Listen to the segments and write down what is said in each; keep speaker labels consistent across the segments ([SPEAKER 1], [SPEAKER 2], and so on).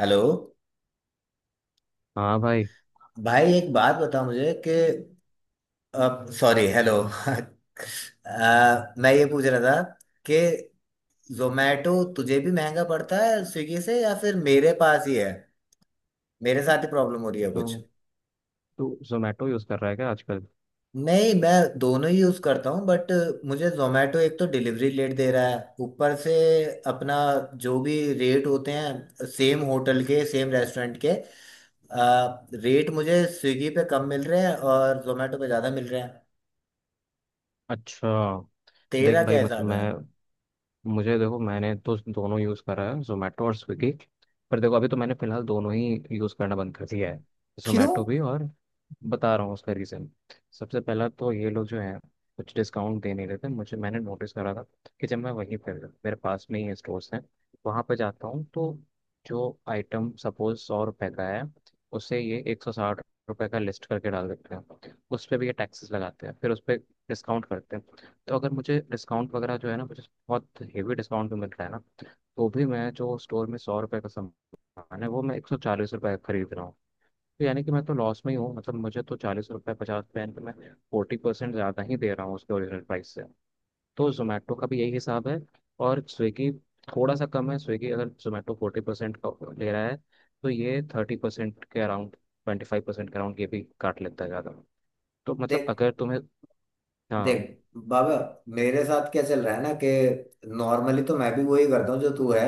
[SPEAKER 1] Hello.
[SPEAKER 2] हाँ भाई।
[SPEAKER 1] भाई एक बात बता मुझे कि सॉरी, हेलो मैं ये पूछ रहा था कि जोमेटो तुझे भी महंगा पड़ता है स्विगी से, या फिर मेरे पास ही है? मेरे साथ ही प्रॉब्लम हो रही है
[SPEAKER 2] तो
[SPEAKER 1] कुछ?
[SPEAKER 2] तू जोमेटो यूज़ कर रहा है क्या आजकल?
[SPEAKER 1] नहीं, मैं दोनों ही यूज़ करता हूँ, बट मुझे जोमेटो एक तो डिलीवरी लेट दे रहा है, ऊपर से अपना जो भी रेट होते हैं, सेम होटल के सेम रेस्टोरेंट के रेट मुझे स्विगी पे कम मिल रहे हैं और जोमेटो पे ज़्यादा मिल रहे हैं।
[SPEAKER 2] अच्छा। देख
[SPEAKER 1] तेरा
[SPEAKER 2] भाई,
[SPEAKER 1] क्या
[SPEAKER 2] मतलब
[SPEAKER 1] हिसाब है?
[SPEAKER 2] मैं मुझे देखो, मैंने तो दोनों यूज़ करा है, जोमेटो और स्विगी। पर देखो, अभी तो मैंने फिलहाल दोनों ही यूज़ करना बंद कर दिया है,
[SPEAKER 1] क्यों?
[SPEAKER 2] जोमेटो भी और बता रहा हूँ उसका रीज़न। सबसे पहला तो ये लोग जो हैं, कुछ डिस्काउंट दे नहीं रहे थे मुझे। मैंने नोटिस करा था कि जब मैं वहीं पर, मेरे पास में ही स्टोर्स हैं, वहाँ पर जाता हूँ, तो जो आइटम सपोज 100 रुपये का है, उसे ये 160 रुपये का लिस्ट करके डाल देते हैं। उस पर भी ये टैक्सेस लगाते हैं, फिर उस पर डिस्काउंट करते हैं। तो अगर मुझे डिस्काउंट वगैरह जो है ना, मुझे बहुत हेवी डिस्काउंट भी मिल रहा है ना, तो भी मैं जो स्टोर में 100 रुपये का सामान है, वो मैं 140 रुपये का खरीद रहा हूँ। तो यानी कि मैं तो लॉस में ही हूँ। मतलब मुझे तो 40 रुपये 50 रुपये पे मैं 40% ज़्यादा ही दे रहा हूँ उसके ओरिजिनल प्राइस से। तो जोमेटो का भी यही हिसाब है, और स्विगी थोड़ा सा कम है। स्विगी, अगर जोमेटो 40% का ले रहा है, तो ये 30% के अराउंड, 25% के अराउंड ये भी काट लेता है ज़्यादा। तो मतलब
[SPEAKER 1] देख
[SPEAKER 2] अगर तुम्हें, हाँ,
[SPEAKER 1] देख बाबा, मेरे साथ क्या चल रहा है ना, कि नॉर्मली तो मैं भी वही करता हूँ जो तू है।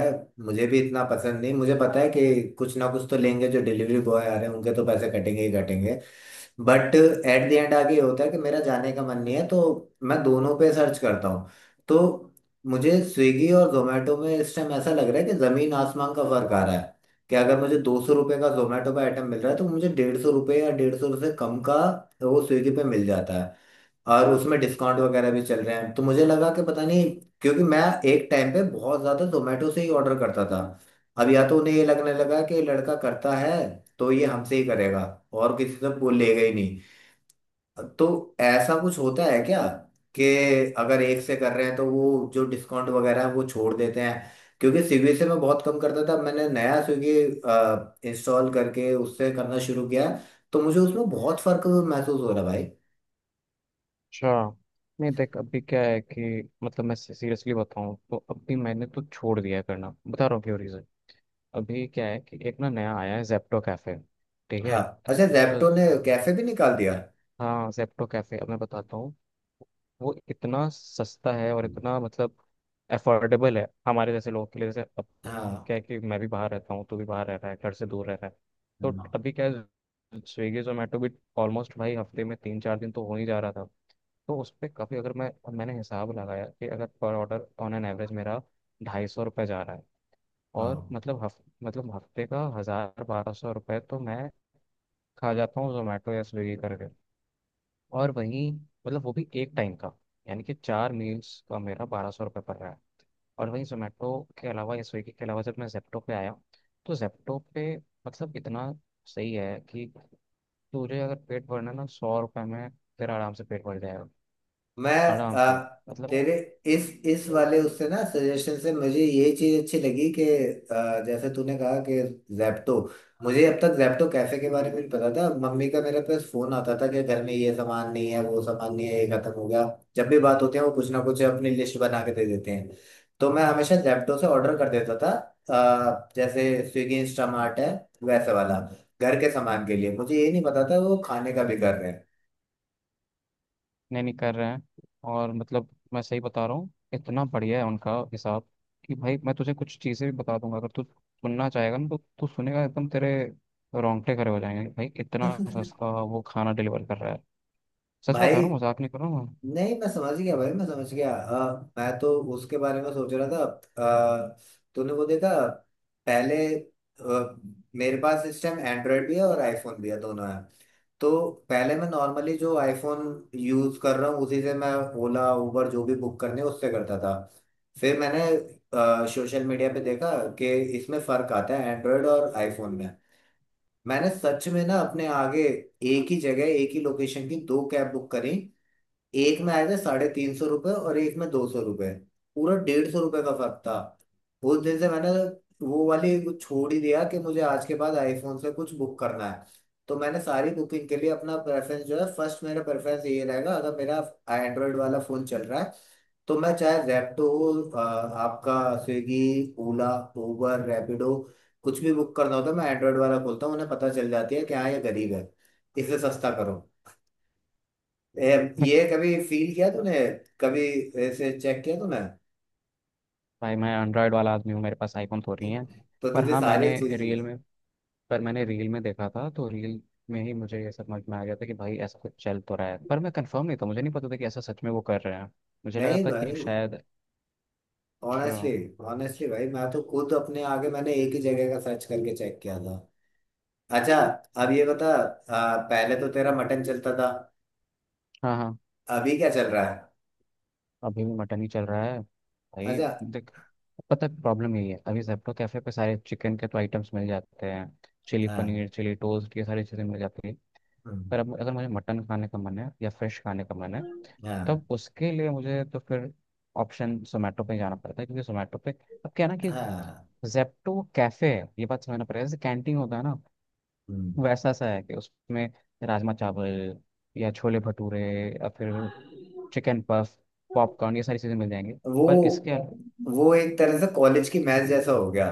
[SPEAKER 1] मुझे भी इतना पसंद नहीं, मुझे पता है कि कुछ ना कुछ तो लेंगे, जो डिलीवरी बॉय आ रहे हैं उनके तो पैसे कटेंगे ही कटेंगे, बट एट द एंड आगे ये होता है कि मेरा जाने का मन नहीं है, तो मैं दोनों पे सर्च करता हूँ। तो मुझे स्विगी और जोमेटो में इस टाइम ऐसा लग रहा है कि जमीन आसमान का फर्क आ रहा है। कि अगर मुझे 200 रुपये का जोमेटो का आइटम मिल रहा है, तो मुझे 150 रुपये या 150 से कम का वो स्विगी पे मिल जाता है। और उसमें डिस्काउंट वगैरह भी चल रहे हैं, तो मुझे लगा कि पता नहीं, क्योंकि मैं एक टाइम पे बहुत ज़्यादा जोमेटो से ही ऑर्डर करता था। अब या तो उन्हें ये लगने लगा कि ये लड़का करता है तो ये हमसे ही करेगा, और किसी से वो लेगा ही नहीं, तो ऐसा कुछ होता है क्या कि अगर एक से कर रहे हैं तो वो जो डिस्काउंट वगैरह है वो छोड़ देते हैं? क्योंकि स्विगी से मैं बहुत कम करता था, मैंने नया स्विगी इंस्टॉल करके उससे करना शुरू किया, तो मुझे उसमें बहुत फर्क महसूस हो रहा है भाई।
[SPEAKER 2] अच्छा, नहीं देख, अभी क्या है कि मतलब मैं सीरियसली बताऊं तो अभी मैंने तो छोड़ दिया है करना। बता रहा हूँ क्यों, रीज़न। अभी क्या है कि एक ना नया आया है, जेप्टो कैफे। ठीक है?
[SPEAKER 1] हाँ। अच्छा,
[SPEAKER 2] तो
[SPEAKER 1] जेप्टो ने कैफे भी निकाल दिया?
[SPEAKER 2] हाँ, जेप्टो कैफे, अब मैं बताता हूँ। वो इतना सस्ता है और
[SPEAKER 1] हम्म।
[SPEAKER 2] इतना, मतलब, अफोर्डेबल है हमारे जैसे लोगों के लिए। जैसे अब
[SPEAKER 1] हाँ।
[SPEAKER 2] क्या है कि मैं भी बाहर रहता हूँ, तू भी बाहर रह रहा है, घर से दूर रह रहा है।
[SPEAKER 1] है
[SPEAKER 2] तो
[SPEAKER 1] ना?
[SPEAKER 2] अभी क्या है, स्विगी जोमेटो भी ऑलमोस्ट, भाई, हफ्ते में 3 4 दिन तो हो ही जा रहा था। तो उस पर काफ़ी, अगर मैं, मैंने हिसाब लगाया कि अगर पर ऑर्डर ऑन एन एवरेज मेरा 250 रुपये जा रहा है, और
[SPEAKER 1] हाँ।
[SPEAKER 2] मतलब हफ मतलब हफ्ते का 1000 1200 रुपये तो मैं खा जाता हूँ जोमेटो या स्विगी करके। और वहीं, मतलब, वो भी एक टाइम का, यानी कि 4 मील्स का मेरा 1200 रुपये पड़ रहा है। और वहीं जोमेटो के अलावा या स्विगी के अलावा, जब मैं जेप्टो पे आया, तो जेप्टो पे, मतलब, इतना सही है कि तुझे अगर पेट भरना है ना 100 रुपये में, तेरा आराम से पेट भर जाएगा।
[SPEAKER 1] मैं
[SPEAKER 2] आराम से।
[SPEAKER 1] अ, तेरे इस
[SPEAKER 2] मतलब
[SPEAKER 1] वाले उससे ना सजेशन से मुझे ये चीज अच्छी लगी कि जैसे तूने कहा कि जैप्टो। मुझे अब तक जैप्टो कैफे के बारे में भी पता था, मम्मी का मेरे पास फोन आता था कि घर में ये सामान नहीं है, वो सामान नहीं है, ये खत्म हो गया। जब भी बात होती है वो कुछ ना कुछ अपनी लिस्ट बना के दे देते हैं, तो मैं हमेशा जैप्टो से ऑर्डर कर देता था। जैसे स्विगी इंस्टामार्ट है वैसे वाला घर के सामान के लिए। मुझे ये नहीं पता था वो खाने का भी कर रहे हैं।
[SPEAKER 2] नहीं नहीं, कर रहे हैं। और मतलब, मैं सही बता रहा हूँ, इतना बढ़िया है उनका हिसाब कि भाई मैं तुझे कुछ चीज़ें भी बता दूंगा, अगर तू सुनना चाहेगा ना तो। तू सुनेगा एकदम तेरे रोंगटे खड़े हो जाएंगे भाई, इतना सस्ता वो खाना डिलीवर कर रहा है। सच बता रहा हूँ,
[SPEAKER 1] भाई,
[SPEAKER 2] मजाक नहीं कर रहा हूँ।
[SPEAKER 1] नहीं मैं समझ गया भाई, मैं समझ गया। मैं तो उसके बारे में सोच रहा था। अ, तूने वो देखा पहले? मेरे पास इस टाइम एंड्रॉयड भी है और आईफोन भी है, दोनों है। तो पहले मैं नॉर्मली जो आईफोन यूज कर रहा हूँ उसी से मैं ओला उबर जो भी बुक करने उससे करता था। फिर मैंने सोशल मीडिया पे देखा कि इसमें फर्क आता है एंड्रॉयड और आईफोन में। मैंने सच में ना अपने आगे एक ही जगह एक ही लोकेशन की दो कैब बुक करी, एक में आए थे 350 रुपये और एक में 200 रुपये, पूरा 150 रुपये का फर्क था। उस दिन से मैंने वो वाली छोड़ ही दिया कि मुझे आज के बाद आईफोन से कुछ बुक करना है, तो मैंने सारी बुकिंग के लिए अपना प्रेफरेंस जो है फर्स्ट, मेरा प्रेफरेंस ये रहेगा अगर मेरा एंड्रॉयड वाला फ़ोन चल रहा है तो मैं, चाहे जेप्टो हो आपका स्विगी, ओला, उबर, रैपिडो, कुछ भी बुक करना होता है मैं एंड्रॉयड वाला खोलता हूँ। उन्हें पता चल जाती है कि हाँ ये गरीब है, इसे सस्ता करो।
[SPEAKER 2] मैं।
[SPEAKER 1] ये कभी फील किया तूने? कभी ऐसे चेक किया तूने?
[SPEAKER 2] भाई मैं एंड्रॉयड वाला आदमी हूँ, मेरे पास आईफोन थोड़ी है।
[SPEAKER 1] तो
[SPEAKER 2] पर
[SPEAKER 1] तुझे
[SPEAKER 2] हाँ, मैंने
[SPEAKER 1] सारी चीज।
[SPEAKER 2] रील में, पर मैंने रील में देखा था तो रील में ही मुझे ये समझ में आ गया था कि भाई ऐसा कुछ चल तो रहा है, पर मैं कंफर्म नहीं था, मुझे नहीं पता था कि ऐसा सच में वो कर रहे हैं। मुझे लगा
[SPEAKER 1] नहीं
[SPEAKER 2] था कि
[SPEAKER 1] भाई,
[SPEAKER 2] शायद, अच्छा,
[SPEAKER 1] ऑनेस्टली, ऑनेस्टली भाई, मैं तो खुद अपने आगे मैंने एक ही जगह का सर्च करके चेक किया था। अच्छा, अब ये बता, पहले तो तेरा मटन चलता था,
[SPEAKER 2] हाँ हाँ,
[SPEAKER 1] अभी क्या चल रहा है?
[SPEAKER 2] अभी भी मटन ही चल रहा है भाई।
[SPEAKER 1] अच्छा।
[SPEAKER 2] देख, पता है प्रॉब्लम यही है, अभी जेप्टो कैफे पे सारे चिकन के तो आइटम्स मिल जाते हैं, चिली
[SPEAKER 1] हाँ।
[SPEAKER 2] पनीर, चिली टोस्ट, ये सारी चीज़ें मिल जाती है।
[SPEAKER 1] हम्म।
[SPEAKER 2] पर अब अगर मुझे मटन खाने का मन है या फिश खाने का मन है,
[SPEAKER 1] हाँ,
[SPEAKER 2] तब उसके लिए मुझे तो फिर ऑप्शन जोमेटो पे जाना पड़ता है, क्योंकि जोमेटो पे, अब क्या है ना कि,
[SPEAKER 1] हाँ।
[SPEAKER 2] जेप्टो कैफे है, ये बात समझना पड़ेगा। जैसे कैंटीन होता है ना,
[SPEAKER 1] हम्म।
[SPEAKER 2] वैसा सा है कि उसमें राजमा चावल, या छोले भटूरे, या फिर चिकन पफ, पॉपकॉर्न, ये सारी चीज़ें मिल जाएंगी।
[SPEAKER 1] वो
[SPEAKER 2] पर इसके,
[SPEAKER 1] वो एक तरह से कॉलेज की मैच जैसा हो गया,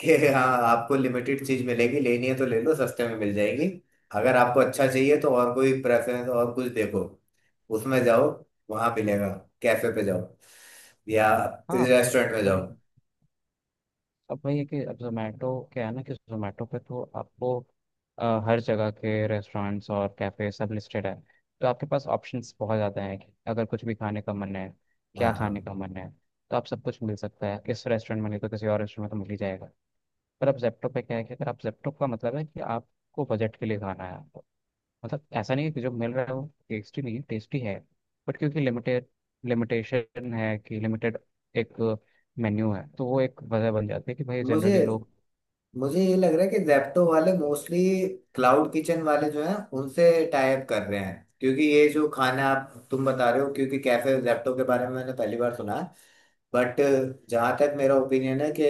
[SPEAKER 1] कि हाँ आपको लिमिटेड चीज मिलेगी, लेनी है तो ले लो सस्ते में मिल जाएगी। अगर आपको अच्छा चाहिए तो और कोई प्रेफरेंस और कुछ देखो, उसमें जाओ, वहां मिलेगा, कैफे पे जाओ या
[SPEAKER 2] हाँ, पर,
[SPEAKER 1] रेस्टोरेंट में
[SPEAKER 2] पर,
[SPEAKER 1] जाओ।
[SPEAKER 2] अब वही है कि अब जोमेटो क्या है ना कि, जोमेटो पे तो आपको हर जगह के रेस्टोरेंट्स और कैफ़े सब लिस्टेड है। तो आपके पास ऑप्शंस बहुत ज़्यादा हैं कि अगर कुछ भी खाने का मन है,
[SPEAKER 1] हाँ,
[SPEAKER 2] क्या खाने
[SPEAKER 1] हाँ।
[SPEAKER 2] का मन है, तो आप सब कुछ मिल सकता है। इस रेस्टोरेंट में नहीं तो किसी और रेस्टोरेंट में तो मिल ही जाएगा। पर अब जेप्टो पे क्या है कि, अगर आप जेप्टो का मतलब है कि आपको बजट के लिए खाना है। मतलब ऐसा नहीं है कि जो मिल रहा है वो टेस्टी नहीं है, टेस्टी है। बट क्योंकि लिमिटेड, लिमिटेशन है कि लिमिटेड एक मेन्यू है, तो वो एक वजह बन जाती है कि भाई
[SPEAKER 1] मुझे
[SPEAKER 2] जनरली लोग,
[SPEAKER 1] मुझे ये लग रहा है कि जैप्टो वाले मोस्टली क्लाउड किचन वाले जो हैं उनसे टाइप कर रहे हैं। क्योंकि ये जो खाना आप तुम बता रहे हो, क्योंकि कैफे जैप्टो के बारे में मैंने पहली बार सुना, बट जहाँ तक मेरा ओपिनियन है कि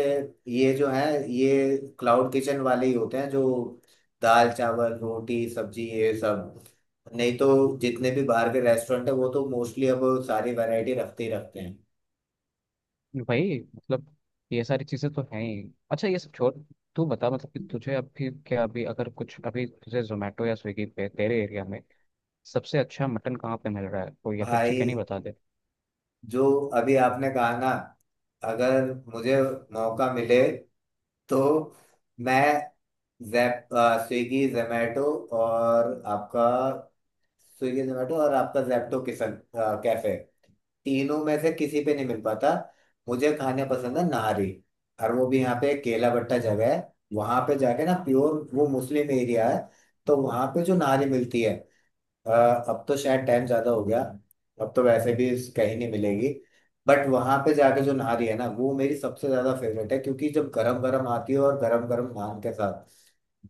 [SPEAKER 1] ये जो है, ये क्लाउड किचन वाले ही होते हैं जो दाल चावल रोटी सब्जी ये सब। नहीं तो जितने भी बाहर के रेस्टोरेंट है वो तो मोस्टली अब सारी वैरायटी रखते ही रखते हैं।
[SPEAKER 2] भाई मतलब ये सारी चीज़ें तो हैं ही। अच्छा ये सब छोड़, तू बता, मतलब कि तुझे अभी क्या, अभी अगर कुछ, अभी तुझे जोमेटो या स्विगी पे तेरे एरिया में सबसे अच्छा मटन कहाँ पे मिल रहा है, तो, या फिर
[SPEAKER 1] भाई,
[SPEAKER 2] चिकन ही बता दे।
[SPEAKER 1] जो अभी आपने कहा ना, अगर मुझे मौका मिले तो मैं जैप स्विगी जोमेटो और आपका, स्विगी जोमेटो और आपका जैप्टो किचन कैफे, तीनों में से किसी पे नहीं मिल पाता। मुझे खाने पसंद है नारी, और वो भी यहाँ पे केला भट्टा जगह है वहां पे जाके ना, प्योर वो मुस्लिम एरिया है, तो वहां पे जो नारी मिलती है। अ, अब तो शायद टाइम ज्यादा हो गया, अब तो वैसे भी कहीं नहीं मिलेगी, बट वहां पे जाके जो नारी है ना वो मेरी सबसे ज्यादा फेवरेट है, क्योंकि जब गरम गरम आती है और गरम गरम नान के साथ,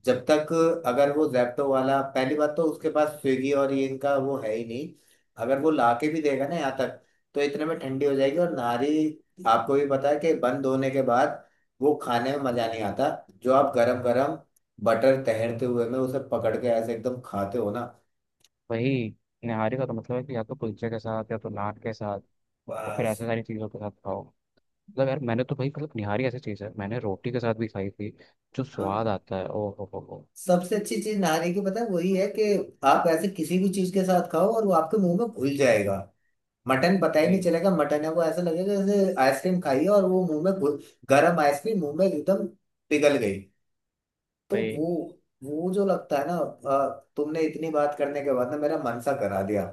[SPEAKER 1] जब तक, अगर वो जैप्टो वाला, पहली बात तो उसके पास स्विगी और ये इनका वो है ही नहीं, अगर वो लाके भी देगा ना यहाँ तक तो इतने में ठंडी हो जाएगी, और नारी आपको भी पता है कि बंद होने के बाद वो खाने में मजा नहीं आता, जो आप गरम गरम बटर तैरते हुए में उसे पकड़ के ऐसे एकदम खाते हो ना।
[SPEAKER 2] वही, निहारी का तो मतलब है कि या तो कुलचे के साथ या तो नान के साथ या फिर
[SPEAKER 1] बस।
[SPEAKER 2] ऐसे सारी चीज़ों के साथ खाओ। मतलब यार, मैंने तो भाई, मतलब निहारी ऐसी चीज़ है, मैंने रोटी के साथ भी खाई थी। जो स्वाद
[SPEAKER 1] हम।
[SPEAKER 2] आता है, ओ हो हो।
[SPEAKER 1] सबसे अच्छी चीज नारी की पता है वही है कि आप ऐसे किसी भी चीज के साथ खाओ और वो आपके मुंह में घुल जाएगा। मटन पता ही नहीं
[SPEAKER 2] भाई,
[SPEAKER 1] चलेगा मटन है, वो ऐसा लगेगा जैसे आइसक्रीम खाई है और वो मुंह में गरम आइसक्रीम मुंह में एकदम पिघल गई। तो
[SPEAKER 2] भाई,
[SPEAKER 1] वो जो लगता है ना, तुमने इतनी बात करने के बाद ना मेरा मन सा करा दिया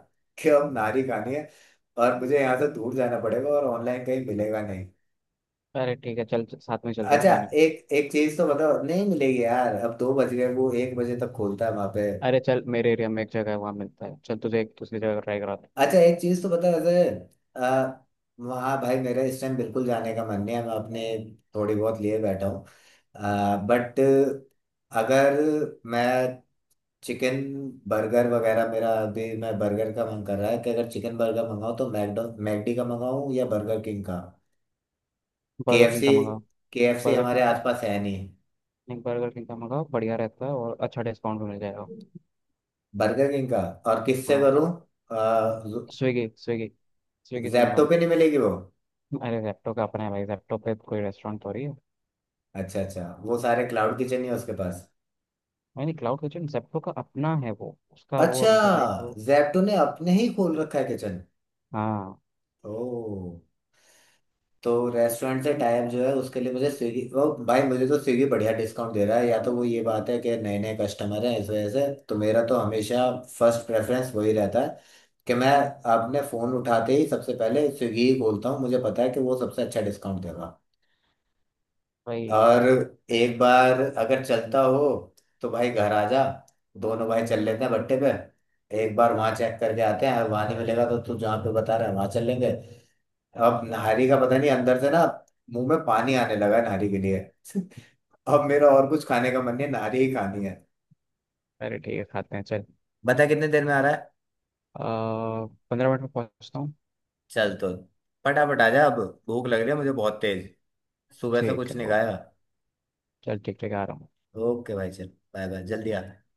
[SPEAKER 1] कि अब नारी खानी है, और मुझे यहाँ से दूर जाना पड़ेगा और ऑनलाइन कहीं मिलेगा नहीं।
[SPEAKER 2] अरे ठीक है, चल साथ में चलते हैं ना
[SPEAKER 1] अच्छा,
[SPEAKER 2] खाने।
[SPEAKER 1] एक एक चीज तो बताओ, नहीं मिलेगी यार, अब 2 बज गए, वो 1 बजे तक खोलता है वहां पे।
[SPEAKER 2] अरे चल, मेरे एरिया में एक जगह है, वहाँ मिलता है। चल तुझे एक दूसरी जगह ट्राई कराते हैं।
[SPEAKER 1] अच्छा एक चीज तो बता ऐसे, आ, वहाँ, भाई मेरा इस टाइम बिल्कुल जाने का मन नहीं है, मैं अपने थोड़ी बहुत लिए बैठा हूँ, बट अगर मैं चिकन बर्गर वगैरह, मेरा अभी मैं बर्गर का मन कर रहा है, कि अगर चिकन बर्गर मंगाऊँ तो मैकडो मैकडी का मंगाऊँ या बर्गर किंग का?
[SPEAKER 2] बर्गर किंग का
[SPEAKER 1] केएफसी,
[SPEAKER 2] मंगाओ।
[SPEAKER 1] केएफसी
[SPEAKER 2] बर्गर
[SPEAKER 1] हमारे
[SPEAKER 2] किंग का,
[SPEAKER 1] आसपास है नहीं।
[SPEAKER 2] नहीं बर्गर किंग का मंगाओ, बढ़िया रहता है और अच्छा डिस्काउंट भी मिल जाएगा।
[SPEAKER 1] बर्गर किंग का, और किससे
[SPEAKER 2] हाँ,
[SPEAKER 1] करूँ?
[SPEAKER 2] स्विगी स्विगी, स्विगी से मंगा
[SPEAKER 1] जैप्टो
[SPEAKER 2] लो।
[SPEAKER 1] पे नहीं मिलेगी वो?
[SPEAKER 2] अरे जेप्टो का अपना है भाई, जेप्टो पे कोई रेस्टोरेंट थोड़ी है।
[SPEAKER 1] अच्छा अच्छा, वो सारे क्लाउड किचन ही है उसके पास।
[SPEAKER 2] नहीं, क्लाउड किचन जेप्टो का अपना है, वो उसका वो,
[SPEAKER 1] अच्छा,
[SPEAKER 2] लाइक वो।
[SPEAKER 1] जैप्टो ने अपने ही खोल रखा है किचन।
[SPEAKER 2] हाँ।
[SPEAKER 1] ओ, तो रेस्टोरेंट से टाइप जो है उसके लिए मुझे स्विगी, ओ भाई मुझे तो स्विगी बढ़िया डिस्काउंट दे रहा है, या तो वो ये बात है कि नए नए कस्टमर हैं इस वजह से। तो मेरा तो हमेशा फर्स्ट प्रेफरेंस वही रहता है, कि मैं अपने फ़ोन उठाते ही सबसे पहले स्विगी ही खोलता हूँ, मुझे पता है कि वो सबसे अच्छा डिस्काउंट देगा।
[SPEAKER 2] भाई,
[SPEAKER 1] और एक बार अगर चलता हो तो भाई घर आ जा, दोनों भाई चल लेते हैं भट्टे पे, एक बार वहां चेक करके आते हैं, वहां नहीं मिलेगा तो तू जहाँ पे बता रहा है वहां चल लेंगे। अब नाहरी का पता नहीं, अंदर से ना मुंह में पानी आने लगा है नाहरी के लिए। अब मेरा और कुछ खाने का मन नहीं है, नाहरी ही खानी है।
[SPEAKER 2] अरे ठीक है, खाते हैं, चल।
[SPEAKER 1] बता कितने देर में आ रहा है?
[SPEAKER 2] 15 मिनट में पहुंचता हूँ।
[SPEAKER 1] चल तो फटाफट आ जा अब, भूख लग रही है मुझे बहुत तेज, सुबह से
[SPEAKER 2] ठीक
[SPEAKER 1] कुछ
[SPEAKER 2] है,
[SPEAKER 1] नहीं
[SPEAKER 2] ओके,
[SPEAKER 1] खाया।
[SPEAKER 2] चल, ठीक ठीक आ रहा हूँ।
[SPEAKER 1] ओके भाई चल, बाय बाय, जल्दी आ।